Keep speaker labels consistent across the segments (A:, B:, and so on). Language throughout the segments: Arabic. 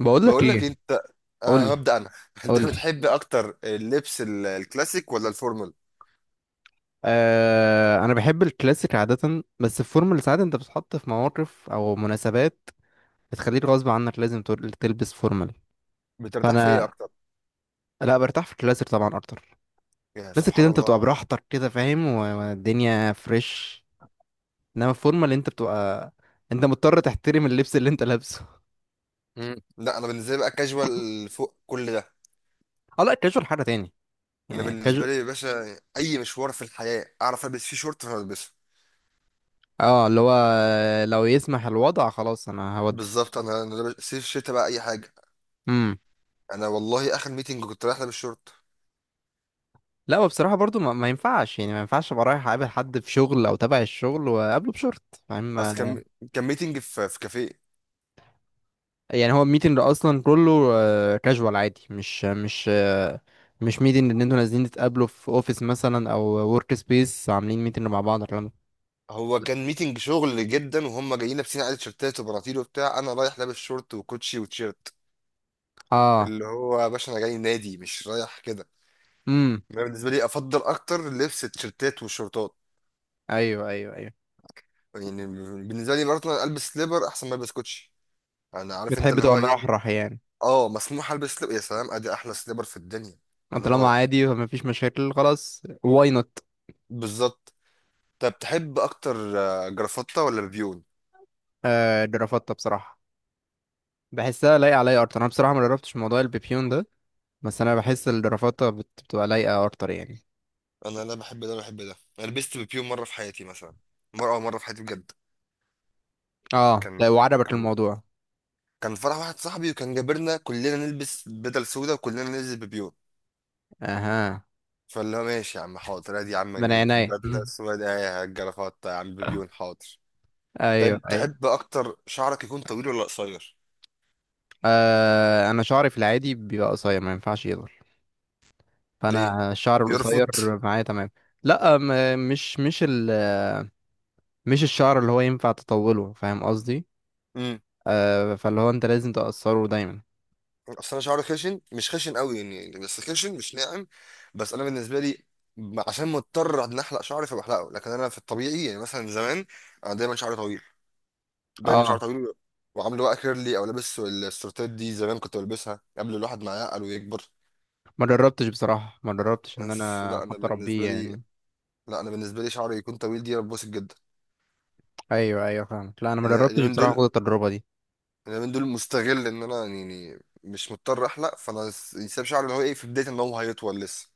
A: بقول لك
B: بقول لك
A: ايه؟
B: انت.
A: قول لي،
B: هبدأ انا.
A: قول
B: انت
A: لي.
B: بتحب اكتر اللبس الكلاسيك ولا الفورمال؟
A: آه، انا بحب الكلاسيك عاده، بس الفورمال ساعات انت بتتحط في مواقف او مناسبات بتخليك غصب عنك لازم تلبس فورمال.
B: بترتاح في ايه
A: فانا
B: اكتر؟
A: لا، برتاح في الكلاسيك طبعا اكتر.
B: يا
A: الكلاسيك كده
B: سبحان
A: انت
B: الله.
A: بتبقى براحتك، كده فاهم، والدنيا فريش. انما الفورمال انت بتبقى، انت مضطر تحترم اللبس اللي انت لابسه.
B: مم. لا، انا بالنسبه لي بقى كاجوال فوق كل ده.
A: اه، لا، الكاجوال حاجه تاني.
B: انا
A: يعني الكاجوال
B: بالنسبه لي يا باشا اي مشوار في الحياه اعرف البس فيه شورت فانا البسه.
A: اه، اللي هو لو يسمح الوضع خلاص انا هودي.
B: بالظبط. انا صيف شتا بقى اي حاجه. انا والله اخر ميتنج كنت رايح لابس شورت.
A: لا، هو بصراحة برضو ما ينفعش، يعني ما ينفعش ابقى رايح اقابل حد في شغل او تبع الشغل واقابله بشورت. فاهم
B: اصل
A: ما-
B: كان ميتنج في كافيه.
A: يعني هو الميتنج ده اصلا كله كاجوال عادي، مش مش ميتنج ان انتوا نازلين تتقابلوا في اوفيس مثلا او ورك سبيس عاملين ميتنج مع بعض الكلام ده.
B: هو كان ميتنج شغل جدا، وهم جايين لابسين عادي تيشيرتات وبناطيل وبتاع، انا رايح لابس شورت وكوتشي وتيشيرت.
A: اه.
B: اللي هو يا باشا انا جاي نادي، مش رايح كده.
A: امم.
B: انا بالنسبه لي افضل اكتر لبس التيشيرتات والشورتات
A: ايوه، ايوه، ايوه،
B: يعني. بالنسبه لي برضه انا البس سليبر احسن ما البس كوتشي. انا عارف انت
A: بتحب
B: اللي
A: تبقى
B: هو ايه.
A: مرحرح يعني.
B: اه، مسموح البس سليبر، يا سلام، ادي احلى سليبر في الدنيا. انا
A: طالما
B: رايح.
A: عادي وما فيش مشاكل خلاص، واي نوت.
B: بالظبط. طب تحب اكتر جرافطه ولا بيبيون؟
A: آه، دي رفضتها بصراحة، بحسها لايقة عليا اكتر. انا بصراحة ما جربتش موضوع البيبيون ده، بس انا بحس الرفاطة بتبقى لايقة اكتر يعني.
B: انا لا بحب ده بحب ده، انا لبست بيبيون مره في حياتي مثلا. مره، اول مره في حياتي بجد.
A: اه،
B: كان
A: لا، وعجبك
B: كان
A: الموضوع.
B: كان فرح واحد صاحبي، وكان جابرنا كلنا نلبس بدل سودا وكلنا نلبس بيبيون.
A: اها.
B: فاللي هو ماشي يا عم حاضر، ادي يا عم
A: من عينيا
B: البدله السوداء، اهي الجرافات يا عم بيبيون حاضر.
A: ايوه،
B: طيب
A: ايوه.
B: تحب اكتر شعرك يكون طويل ولا قصير؟
A: آه، انا شعري في العادي بيبقى قصير، ما ينفعش يطول.
B: ليه
A: فانا الشعر
B: يرفض؟
A: القصير معايا تمام. لا، مش مش الشعر اللي هو ينفع تطوله، فاهم قصدي؟
B: امم.
A: آه، فاللي هو انت لازم تقصره دايما.
B: اصل انا شعري خشن، مش خشن قوي يعني، بس خشن مش ناعم. بس انا بالنسبه لي، عشان مضطر ان احلق شعري فبحلقه، لكن انا في الطبيعي يعني مثلا زمان انا دايما شعري طويل، دايما شعري
A: اه،
B: طويل. وعامله بقى كيرلي، او لابس السورتات دي، زمان كنت بلبسها قبل الواحد ما يعقل ويكبر.
A: ما جربتش بصراحة، ما جربتش ان
B: بس
A: انا
B: لا انا
A: حتى اربيه
B: بالنسبه لي
A: يعني.
B: لا انا بالنسبه لي شعري يكون طويل، دي انا ببسط جدا.
A: ايوه، ايوه، فاهمك. لا، انا ما
B: لان أنا
A: جربتش
B: اليومين
A: بصراحة، خد
B: دول
A: التجربة دي.
B: اليومين دول مستغل ان انا، يعني مش مضطر احلق، فانا ساب شعري اللي هو ايه في بدايه ان هو هيطول لسه.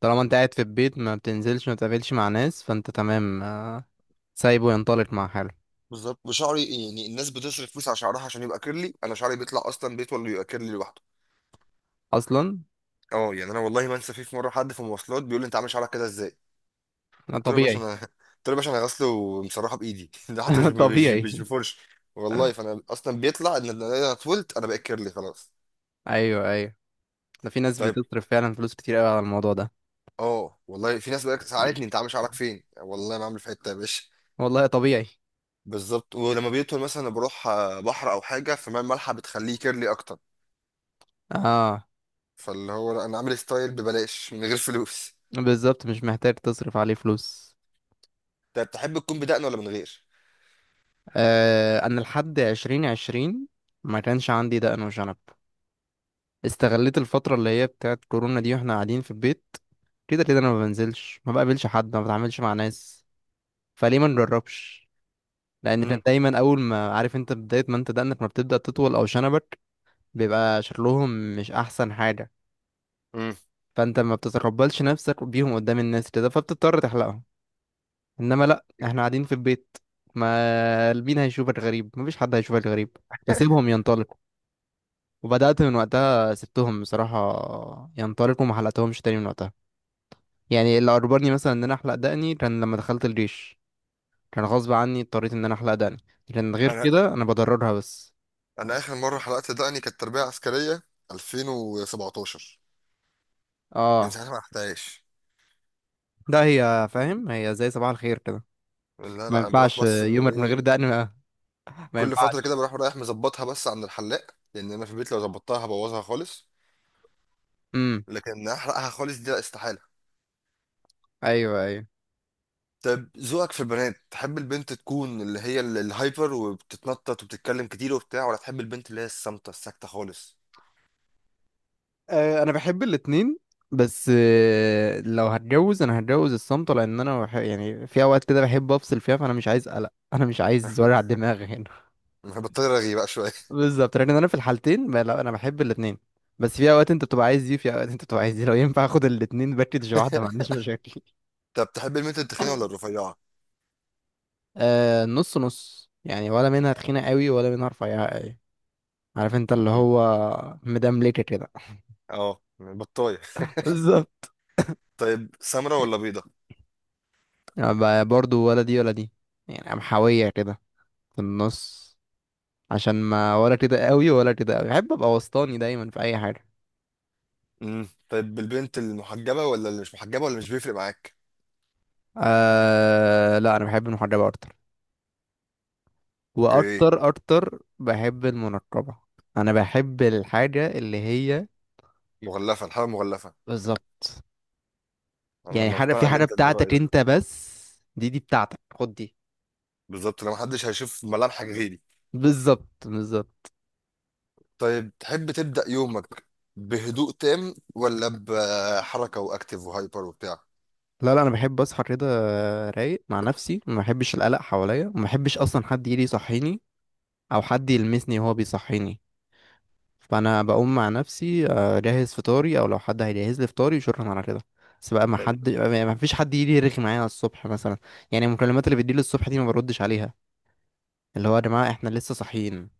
A: طالما انت قاعد في البيت، ما بتنزلش، ما بتقابلش مع ناس، فانت تمام. سايبه ينطلق مع حاله.
B: بالظبط، وشعري، يعني الناس بتصرف فلوس على شعرها عشان يبقى كيرلي، انا شعري بيطلع اصلا بيطول ويبقى كيرلي لوحده.
A: اصلا.
B: اه يعني انا والله ما انسى، فيه في مره حد في المواصلات بيقول لي انت عامل شعرك كده ازاي؟ قلت له يا باشا
A: طبيعي.
B: انا قلت له يا باشا انا غسله ومسرحه بايدي. ده حتى مش مش
A: طبيعي.
B: مش بفرش. والله فانا اصلا بيطلع ان انا طولت، انا بقيت كيرلي خلاص.
A: ايوه، ايوه، ده في ناس
B: طيب.
A: بتصرف فعلا فلوس كتير قوي على الموضوع ده.
B: اه والله في ناس بقى سألتني انت عامل شعرك فين؟ والله ما عامل في حته يا باشا.
A: والله طبيعي.
B: بالظبط، ولما بيطول مثلا بروح بحر او حاجه، فماء المالحه بتخليه كيرلي اكتر.
A: اه،
B: فاللي هو لا، انا عامل ستايل ببلاش من غير فلوس.
A: بالظبط، مش محتاج تصرف عليه فلوس.
B: انت بتحب تكون بدقن ولا من غير؟
A: آه، انا لحد 20 20 ما كانش عندي دقن وشنب. استغليت الفترة اللي هي بتاعت كورونا دي، واحنا قاعدين في البيت، كده كده انا ما بنزلش، ما بقابلش حد، ما بتعاملش مع ناس، فليه ما نجربش؟ لان كان
B: امم.
A: دايما اول ما عارف انت بدايه ما انت دقنك ما بتبدا تطول او شنبك، بيبقى شكلهم مش احسن حاجه،
B: امم.
A: فانت ما بتتقبلش نفسك بيهم قدام الناس كده، فبتضطر تحلقهم. انما لا، احنا قاعدين في البيت، ما مين هيشوفك غريب، مفيش حد هيشوفك غريب، فسيبهم ينطلقوا. وبدات من وقتها، سبتهم بصراحه ينطلقوا، ما حلقتهمش تاني من وقتها. يعني اللي اجبرني مثلا ان انا احلق دقني كان لما دخلت الجيش. كان غصب عني، اضطريت ان انا احلق دقني، لكن غير
B: انا
A: كده انا بضررها بس.
B: انا اخر مره حلقت دقني كانت تربيه عسكريه 2017. من
A: اه،
B: ساعتها ما رحتهاش.
A: ده هي فاهم، هي زي صباح الخير كده،
B: لا
A: ما
B: لا، انا بروح،
A: ينفعش
B: بس إن
A: يومر من غير
B: ايه.
A: دقن ما
B: كل فتره
A: ينفعش.
B: كده بروح رايح مظبطها بس عند الحلاق، لان انا في البيت لو ظبطتها هبوظها خالص.
A: امم.
B: لكن احرقها خالص دي، لا استحاله.
A: ايوه، ايوه.
B: طب ذوقك في البنات، تحب البنت تكون اللي هي الهايبر وبتتنطط وبتتكلم كتير وبتاع، ولا تحب البنت اللي هي الصامتة الساكتة خالص؟
A: أه، انا بحب الاتنين، بس لو هتجوز انا هتجوز الصمت، لان انا يعني في اوقات كده بحب افصل فيها، فانا مش عايز قلق، انا مش عايز ورع دماغي هنا
B: انا بطل رغي بقى شوية.
A: بالظبط، لان انا في الحالتين لا، انا بحب الاتنين، بس في اوقات انت بتبقى عايز دي، وفي اوقات انت بتبقى عايز دي، لو ينفع اخد الاتنين باكج واحده ما عنديش مشاكل.
B: طب تحب البنت التخينة ولا الرفيعة؟
A: أه، نص نص يعني، ولا منها تخينه قوي ولا منها رفيعه قوي. عارف انت اللي
B: مم.
A: هو، مدملكة كده.
B: اه، بطاية.
A: بالظبط.
B: طيب سمرة ولا بيضة؟
A: برضو ولا دي ولا دي، يعني محاوية كده، في النص، عشان ما ولا كده قوي ولا كده قوي، بحب ابقى وسطاني دايما في اي حاجة.
B: مم. طيب البنت المحجبة ولا اللي مش محجبة ولا مش بيفرق معاك؟
A: آه، لا انا بحب المحجبة اكتر،
B: اوكي.
A: واكتر اكتر بحب المنقبة. انا بحب الحاجة اللي هي.
B: مغلفة، الحالة مغلفة.
A: بالظبط.
B: انا
A: يعني
B: انا
A: حاجة في
B: مقتنع
A: حاجة
B: جدا بالرأي
A: بتاعتك
B: ده.
A: انت بس، دي بتاعتك، خد دي.
B: بالظبط، لو محدش هيشوف ملامحك غيري.
A: بالظبط، بالظبط.
B: طيب تحب تبدأ يومك بهدوء تام ولا بحركة وأكتف وهايبر وبتاع؟
A: لا، لا، انا بحب اصحى كده رايق مع نفسي، ما بحبش القلق حواليا، وما بحبش اصلا حد يجي يصحيني او حد يلمسني وهو بيصحيني. فانا بقوم مع نفسي، اجهز فطاري، او لو حد هيجهز لي فطاري شكرا على كده، بس بقى
B: طيب.
A: ما فيش حد يجي يرغي معايا على الصبح مثلا. يعني المكالمات اللي بتجيلي الصبح دي ما بردش عليها. اللي هو يا جماعه احنا لسه صاحيين،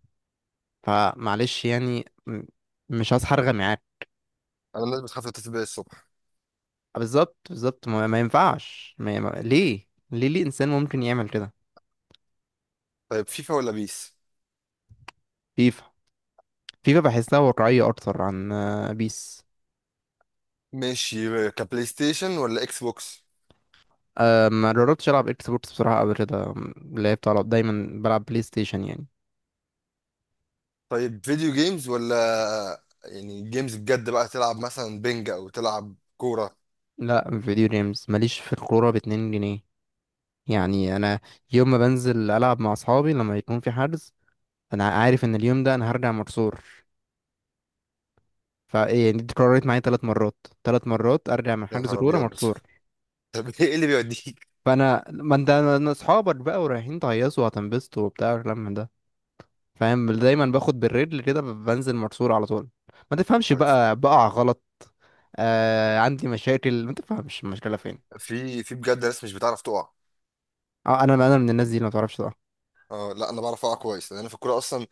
A: فمعلش يعني، مش هصحى ارغي معاك.
B: أنا الناس بتخاف تتبع الصبح.
A: بالظبط، بالظبط، ما ينفعش، ما... ما... ليه ليه ليه انسان ممكن يعمل كده؟
B: طيب فيفا ولا بيس؟
A: فيفا بحسها واقعية أكتر عن بيس.
B: ماشي، كبلاي ستيشن ولا إكس بوكس؟
A: أه، ما جربتش ألعب إكس بوكس بصراحة، قبل كده لعبت على، دايما بلعب بلاي ستيشن يعني.
B: طيب فيديو جيمز، ولا يعني جيمز بجد بقى، تلعب مثلا بينج أو تلعب كورة؟
A: لا، فيديو جيمز، ماليش في الكورة بـ2 جنيه. يعني أنا، يوم ما بنزل ألعب مع أصحابي، لما يكون في حجز، أنا عارف إن اليوم ده أنا هرجع مكسور. فإيه يعني، دي اتكررت معايا 3 مرات 3 مرات أرجع من
B: يا
A: حجز
B: نهار
A: كورة
B: أبيض.
A: مكسور.
B: طب إيه اللي بيوديك؟
A: فأنا، ما أنت أصحابك بقى ورايحين تهيصوا وهتنبسطوا وبتاع الكلام ده. فاهم؟ دايما باخد بالرجل كده، بنزل مرسول على طول. ما تفهمش بقى، بقع غلط. آه، عندي مشاكل ما تفهمش المشكله فين.
B: في بجد ناس مش بتعرف تقع.
A: اه، انا من الناس دي اللي ما تعرفش تقع.
B: اه لا، انا بعرف اقع كويس لان انا في الكوره اصلا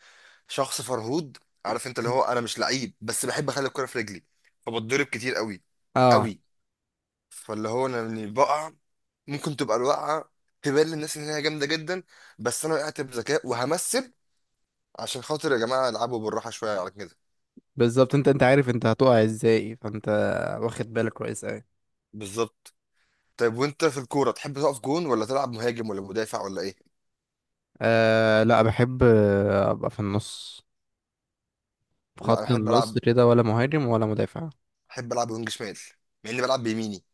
B: شخص فرهود. عارف انت اللي
A: مم.
B: هو، انا مش لعيب، بس بحب اخلي الكرة في رجلي، فبتضرب كتير قوي،
A: اه،
B: قوي. فاللي هو انا يعني بقع. ممكن تبقى الوقعة تبان للناس ان هي جامدة جدا، بس انا وقعت بذكاء وهمثل عشان خاطر يا جماعة العبوا بالراحة شوية على كده.
A: بالظبط، انت عارف انت هتقع ازاي، فانت واخد بالك كويس اوي.
B: بالظبط. طيب وانت في الكورة تحب تقف جون ولا تلعب مهاجم ولا مدافع ولا ايه؟
A: آه، لا بحب ابقى في النص، في
B: لا انا
A: خط
B: احب العب
A: النص كده، ولا مهاجم ولا مدافع.
B: احب العب وينج شمال، مع اني بلعب بيميني،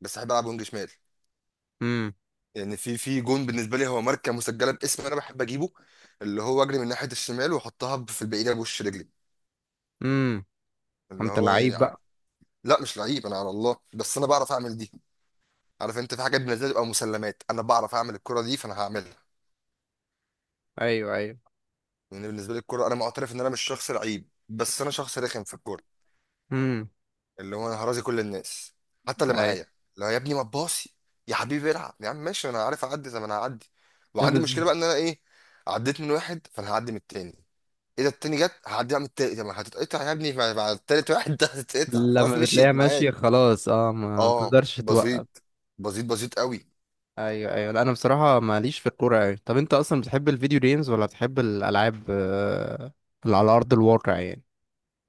B: بس احب العب وينج شمال.
A: امم.
B: يعني في جون بالنسبه لي هو ماركه مسجله باسم انا، بحب اجيبه اللي هو اجري من ناحيه الشمال واحطها في البعيده بوش رجلي.
A: امم.
B: اللي
A: انت
B: هو يعني
A: لعيب
B: عارف.
A: بقى؟
B: لا مش لعيب، انا على الله، بس انا بعرف اعمل دي. عارف انت، في حاجات بالنسبه لي بتبقى مسلمات، انا بعرف اعمل الكره دي فانا هعملها.
A: ايوه، ايوه.
B: يعني بالنسبه لي الكره، انا معترف ان انا مش شخص لعيب، بس انا شخص رخم في الكوره.
A: امم.
B: اللي هو انا هرازي كل الناس، حتى اللي
A: ايوه.
B: معايا. لا يا ابني ما تباصي، يا حبيبي العب يا عم، ماشي انا عارف اعدي زي ما انا هعدي. وعندي
A: بز...
B: مشكله بقى ان انا ايه، عديت من واحد فانا هعدي من التاني، اذا التاني جت هعدي اعمل التالت، طب ما هتتقطع يا ابني مع التالت واحد ده، هتتقطع خلاص
A: لما بتلاقيها
B: مشيت
A: ماشيه
B: معاك.
A: خلاص، اه ما
B: اه
A: تقدرش توقف.
B: بسيط، بسيط، بسيط قوي.
A: ايوه، ايوه. لا، انا بصراحه ماليش في الكوره أوي. طب انت اصلا بتحب الفيديو جيمز ولا بتحب الالعاب اللي على ارض الواقع يعني؟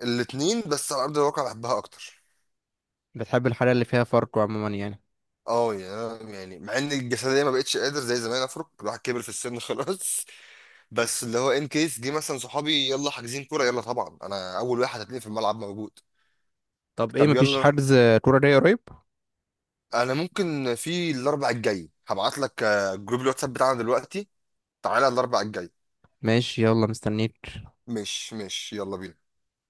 B: الاتنين، بس على ارض الواقع بحبها اكتر.
A: بتحب الحاجه اللي فيها فرق عموما يعني.
B: اه، يعني مع ان الجسديه ما بقتش قادر زي زمان افرق، الواحد كبر في السن خلاص. بس اللي هو ان كيس جه مثلا صحابي يلا حاجزين كوره، يلا طبعا انا اول واحد هتلاقيني في الملعب موجود.
A: طب ايه،
B: طب يلا
A: مفيش
B: نروح.
A: حجز كوره جاي قريب؟
B: انا ممكن في الاربع الجاي هبعت لك جروب الواتساب بتاعنا دلوقتي، تعالى الاربع الجاي.
A: ماشي، يلا مستنيك.
B: مش يلا بينا